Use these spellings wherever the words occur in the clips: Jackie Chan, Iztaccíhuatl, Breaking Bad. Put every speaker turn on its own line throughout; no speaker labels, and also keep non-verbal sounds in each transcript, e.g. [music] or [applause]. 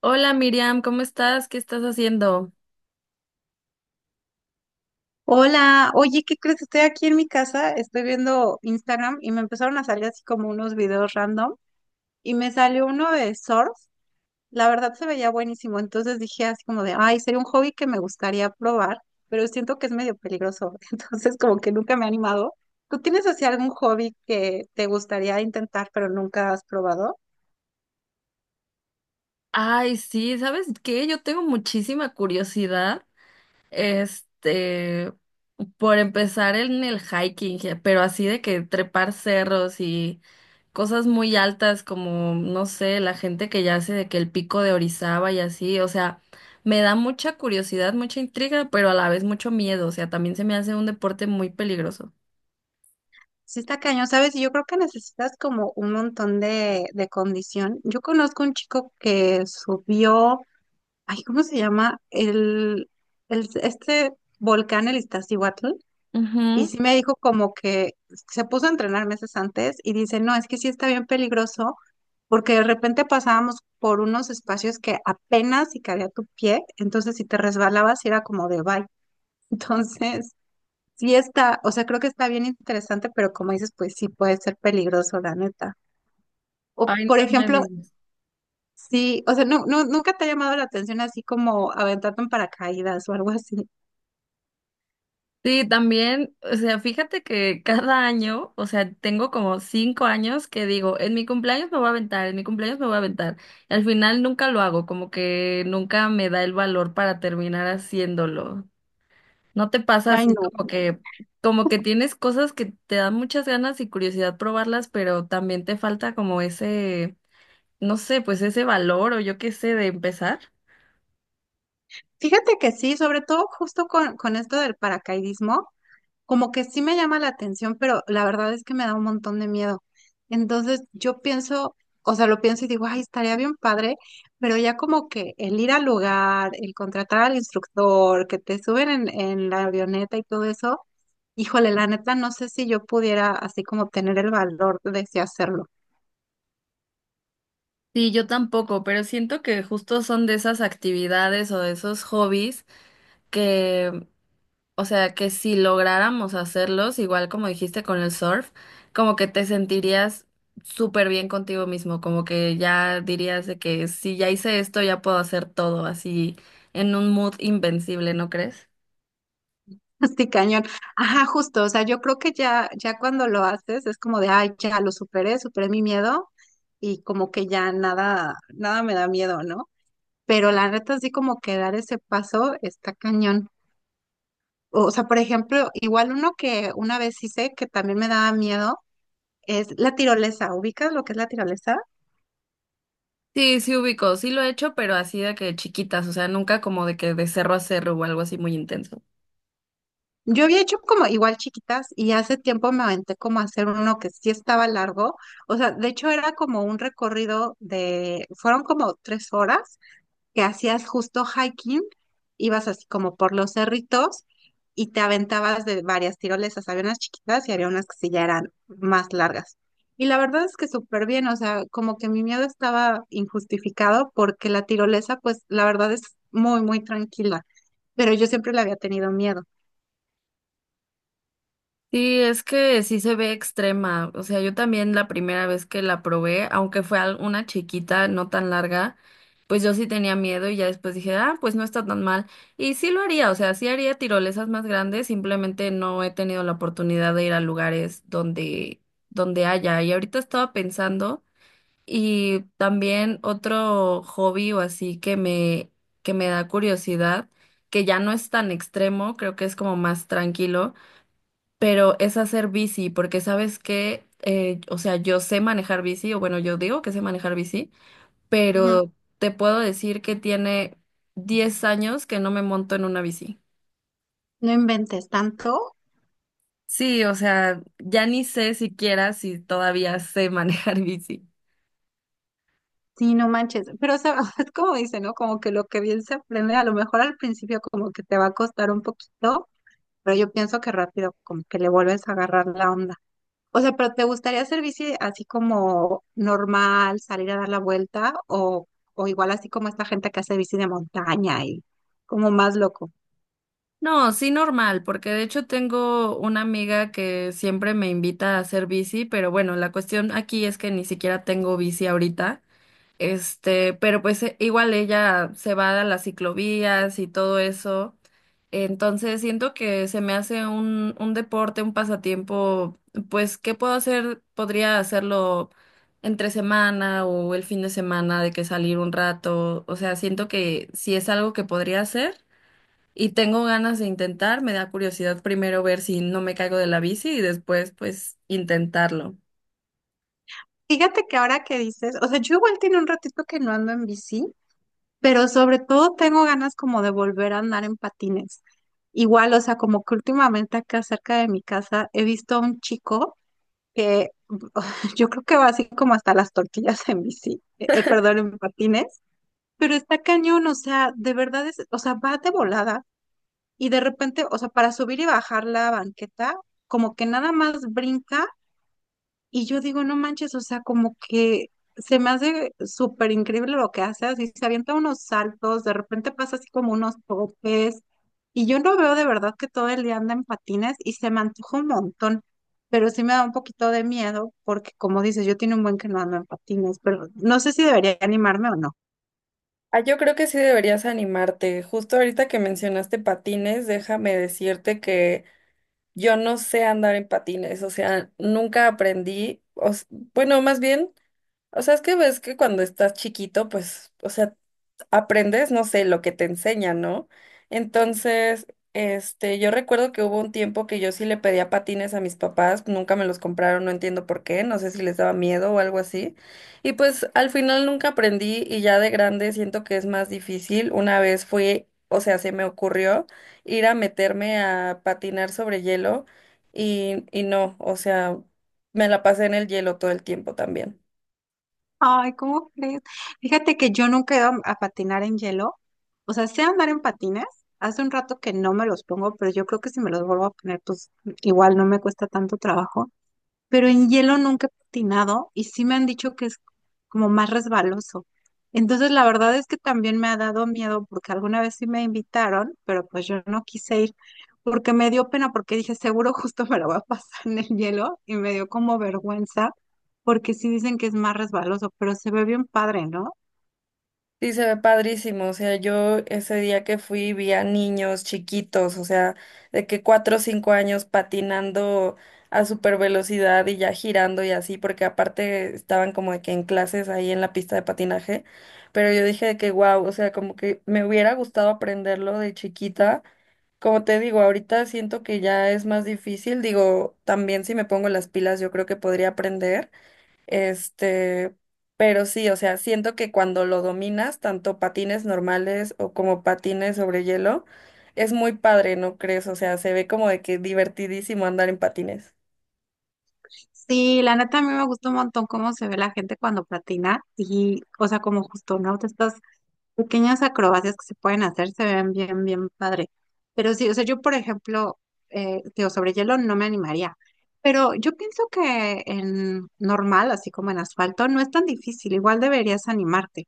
Hola Miriam, ¿cómo estás? ¿Qué estás haciendo?
Hola, oye, ¿qué crees? Estoy aquí en mi casa, estoy viendo Instagram y me empezaron a salir así como unos videos random y me salió uno de surf, la verdad se veía buenísimo, entonces dije así como de, ay, sería un hobby que me gustaría probar, pero siento que es medio peligroso, [laughs] entonces como que nunca me he animado. ¿Tú tienes así algún hobby que te gustaría intentar pero nunca has probado?
Ay, sí, ¿sabes qué? Yo tengo muchísima curiosidad, este, por empezar en el hiking, pero así de que trepar cerros y cosas muy altas como, no sé, la gente que ya hace de que el pico de Orizaba y así, o sea, me da mucha curiosidad, mucha intriga, pero a la vez mucho miedo, o sea, también se me hace un deporte muy peligroso.
Sí está cañón, ¿sabes? Y yo creo que necesitas como un montón de condición. Yo conozco un chico que subió, ay, ¿cómo se llama? El volcán, el Iztaccíhuatl. Y
Ujú.
sí me dijo como que se puso a entrenar meses antes y dice, no, es que sí está bien peligroso porque de repente pasábamos por unos espacios que apenas si cabía tu pie, entonces si te resbalabas era como de bye. [laughs] Entonces, sí está, o sea, creo que está bien interesante, pero como dices, pues sí puede ser peligroso, la neta. O,
Ay,
por
no me
ejemplo,
digas.
sí, o sea, no, nunca te ha llamado la atención así como aventarte en paracaídas o algo así.
Sí, también, o sea, fíjate que cada año, o sea, tengo como 5 años que digo, en mi cumpleaños me voy a aventar, en mi cumpleaños me voy a aventar. Y al final nunca lo hago, como que nunca me da el valor para terminar haciéndolo. ¿No te pasa
Ay,
así
no.
como que tienes cosas que te dan muchas ganas y curiosidad probarlas, pero también te falta como ese, no sé, pues ese valor o yo qué sé de empezar?
Fíjate que sí, sobre todo justo con esto del paracaidismo, como que sí me llama la atención, pero la verdad es que me da un montón de miedo. Entonces yo pienso, o sea, lo pienso y digo, ay, estaría bien padre, pero ya como que el ir al lugar, el contratar al instructor, que te suben en la avioneta y todo eso, híjole, la neta, no sé si yo pudiera así como tener el valor de sí hacerlo.
Sí, yo tampoco, pero siento que justo son de esas actividades o de esos hobbies que, o sea, que si lográramos hacerlos, igual como dijiste con el surf, como que te sentirías súper bien contigo mismo, como que ya dirías de que si ya hice esto, ya puedo hacer todo, así en un mood invencible, ¿no crees?
Sí, cañón. Ajá, justo, o sea, yo creo que ya cuando lo haces es como de, ay, ya lo superé, superé mi miedo y como que ya nada, nada me da miedo, ¿no? Pero la neta sí como que dar ese paso está cañón. O sea, por ejemplo, igual uno que una vez hice que también me daba miedo es la tirolesa. ¿Ubicas lo que es la tirolesa?
Sí, sí ubico, sí lo he hecho, pero así de que chiquitas, o sea, nunca como de que de cerro a cerro o algo así muy intenso.
Yo había hecho como igual chiquitas y hace tiempo me aventé como a hacer uno que sí estaba largo. O sea, de hecho era como un recorrido de, fueron como tres horas que hacías justo hiking, ibas así como por los cerritos y te aventabas de varias tirolesas. Había unas chiquitas y había unas que sí ya eran más largas. Y la verdad es que súper bien, o sea, como que mi miedo estaba injustificado porque la tirolesa, pues la verdad es muy, muy tranquila, pero yo siempre le había tenido miedo.
Sí, es que sí se ve extrema. O sea, yo también la primera vez que la probé, aunque fue una chiquita, no tan larga, pues yo sí tenía miedo y ya después dije, ah, pues no está tan mal. Y sí lo haría, o sea, sí haría tirolesas más grandes, simplemente no he tenido la oportunidad de ir a lugares donde, donde haya. Y ahorita estaba pensando, y también otro hobby o así que me da curiosidad, que ya no es tan extremo, creo que es como más tranquilo pero es hacer bici, porque sabes que, o sea, yo sé manejar bici, o bueno, yo digo que sé manejar bici,
Ujú.
pero te puedo decir que tiene 10 años que no me monto en una bici.
No inventes tanto,
Sí, o sea, ya ni sé siquiera si todavía sé [laughs] manejar bici.
sí, no manches, pero o sea, [laughs] es como dice, ¿no? Como que lo que bien se aprende, a lo mejor al principio como que te va a costar un poquito, pero yo pienso que rápido, como que le vuelves a agarrar la onda. O sea, pero ¿te gustaría hacer bici así como normal, salir a dar la vuelta o igual así como esta gente que hace bici de montaña y como más loco?
No, sí normal, porque de hecho tengo una amiga que siempre me invita a hacer bici, pero bueno, la cuestión aquí es que ni siquiera tengo bici ahorita. Este, pero pues igual ella se va a las ciclovías y todo eso. Entonces siento que se me hace un deporte, un pasatiempo, pues, ¿qué puedo hacer? Podría hacerlo entre semana o el fin de semana de que salir un rato. O sea, siento que si es algo que podría hacer y tengo ganas de intentar, me da curiosidad primero ver si no me caigo de la bici y después pues intentarlo.
Fíjate que ahora que dices, o sea, yo igual tiene un ratito que no ando en bici, pero sobre todo tengo ganas como de volver a andar en patines. Igual, o sea, como que últimamente acá cerca de mi casa he visto a un chico que [laughs] yo creo que va así como hasta las tortillas en bici, perdón, en patines, pero está cañón, o sea, de verdad es, o sea, va de volada y de repente, o sea, para subir y bajar la banqueta, como que nada más brinca y yo digo, no manches, o sea, como que se me hace súper increíble lo que hace, así se avienta unos saltos, de repente pasa así como unos topes, y yo no veo de verdad que todo el día anda en patines y se me antoja un montón, pero sí me da un poquito de miedo porque como dices, yo tiene un buen que no ando en patines, pero no sé si debería animarme o no.
Ah, yo creo que sí deberías animarte. Justo ahorita que mencionaste patines, déjame decirte que yo no sé andar en patines, o sea, nunca aprendí, bueno, más bien o sea, es que ves que cuando estás chiquito, pues, o sea, aprendes, no sé, lo que te enseñan, ¿no? Entonces, yo recuerdo que hubo un tiempo que yo sí le pedía patines a mis papás, nunca me los compraron, no entiendo por qué, no sé si les daba miedo o algo así. Y pues al final nunca aprendí y ya de grande siento que es más difícil. Una vez fui, o sea, se me ocurrió ir a meterme a patinar sobre hielo y no, o sea, me la pasé en el hielo todo el tiempo también.
Ay, ¿cómo crees? Fíjate que yo nunca he ido a patinar en hielo. O sea, sé andar en patines. Hace un rato que no me los pongo, pero yo creo que si me los vuelvo a poner, pues igual no me cuesta tanto trabajo, pero en hielo nunca he patinado y sí me han dicho que es como más resbaloso. Entonces, la verdad es que también me ha dado miedo porque alguna vez sí me invitaron, pero pues yo no quise ir porque me dio pena porque dije, seguro justo me lo va a pasar en el hielo y me dio como vergüenza porque sí dicen que es más resbaloso, pero se ve bien padre, ¿no?
Sí, se ve padrísimo. O sea, yo ese día que fui vi a niños chiquitos, o sea, de que cuatro o cinco años patinando a super velocidad y ya girando y así, porque aparte estaban como de que en clases ahí en la pista de patinaje. Pero yo dije de que wow, o sea, como que me hubiera gustado aprenderlo de chiquita. Como te digo, ahorita siento que ya es más difícil. Digo, también si me pongo las pilas, yo creo que podría aprender. Este, pero sí, o sea, siento que cuando lo dominas, tanto patines normales o como patines sobre hielo, es muy padre, ¿no crees? O sea, se ve como de que divertidísimo andar en patines.
Sí, la neta a mí me gusta un montón cómo se ve la gente cuando patina y, o sea, como justo, ¿no? Te estás pequeñas acrobacias que se pueden hacer se ven bien, bien padre. Pero sí, o sea, yo, por ejemplo, digo, sobre hielo no me animaría. Pero yo pienso que en normal, así como en asfalto, no es tan difícil. Igual deberías animarte.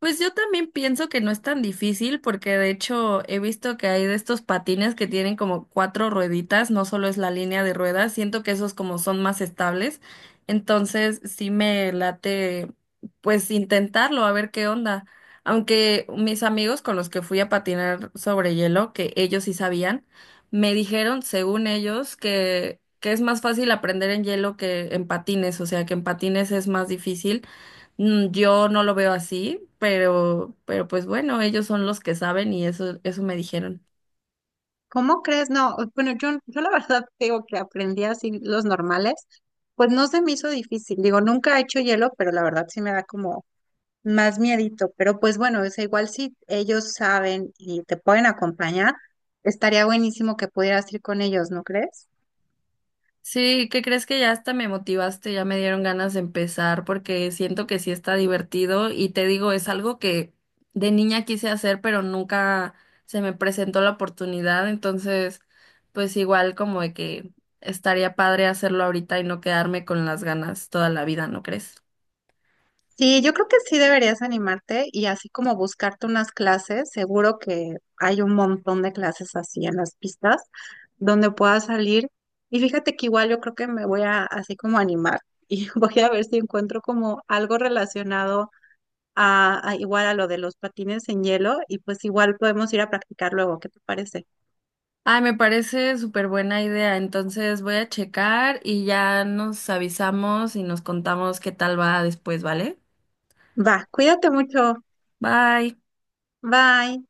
Pues yo también pienso que no es tan difícil porque de hecho he visto que hay de estos patines que tienen como cuatro rueditas, no solo es la línea de ruedas, siento que esos como son más estables, entonces sí me late pues intentarlo a ver qué onda. Aunque mis amigos con los que fui a patinar sobre hielo, que ellos sí sabían, me dijeron, según ellos, que es más fácil aprender en hielo que en patines, o sea que en patines es más difícil. Mm, yo no lo veo así, pero pues bueno, ellos son los que saben y eso me dijeron.
¿Cómo crees? No, bueno, yo la [laughs] verdad te digo que aprendí así los normales, pues no se me hizo difícil. Digo, nunca he hecho hielo, pero la verdad sí me da como más miedito, pero pues bueno, es igual si ellos saben y te pueden acompañar, estaría buenísimo que pudieras ir con ellos, ¿no crees?
Sí, ¿qué crees que ya hasta me motivaste? Ya me dieron ganas de empezar porque siento que sí está divertido y te digo, es algo que de niña quise hacer, pero nunca se me presentó la oportunidad, entonces pues igual como de que estaría padre hacerlo ahorita y no quedarme con las ganas toda la vida, ¿no crees?
Sí, yo creo que sí deberías animarte y así como buscarte unas clases, seguro que hay un montón de clases así en las pistas donde puedas salir. Y fíjate que igual yo creo que me voy a así como animar [laughs] y voy a ver si encuentro como algo relacionado a igual a lo de los patines en hielo y pues igual podemos ir a practicar luego, ¿qué te parece?
Ay, me parece súper buena idea. Entonces voy a checar y ya nos avisamos y nos contamos qué tal va después, ¿vale?
Va, cuídate mucho.
Bye.
Bye.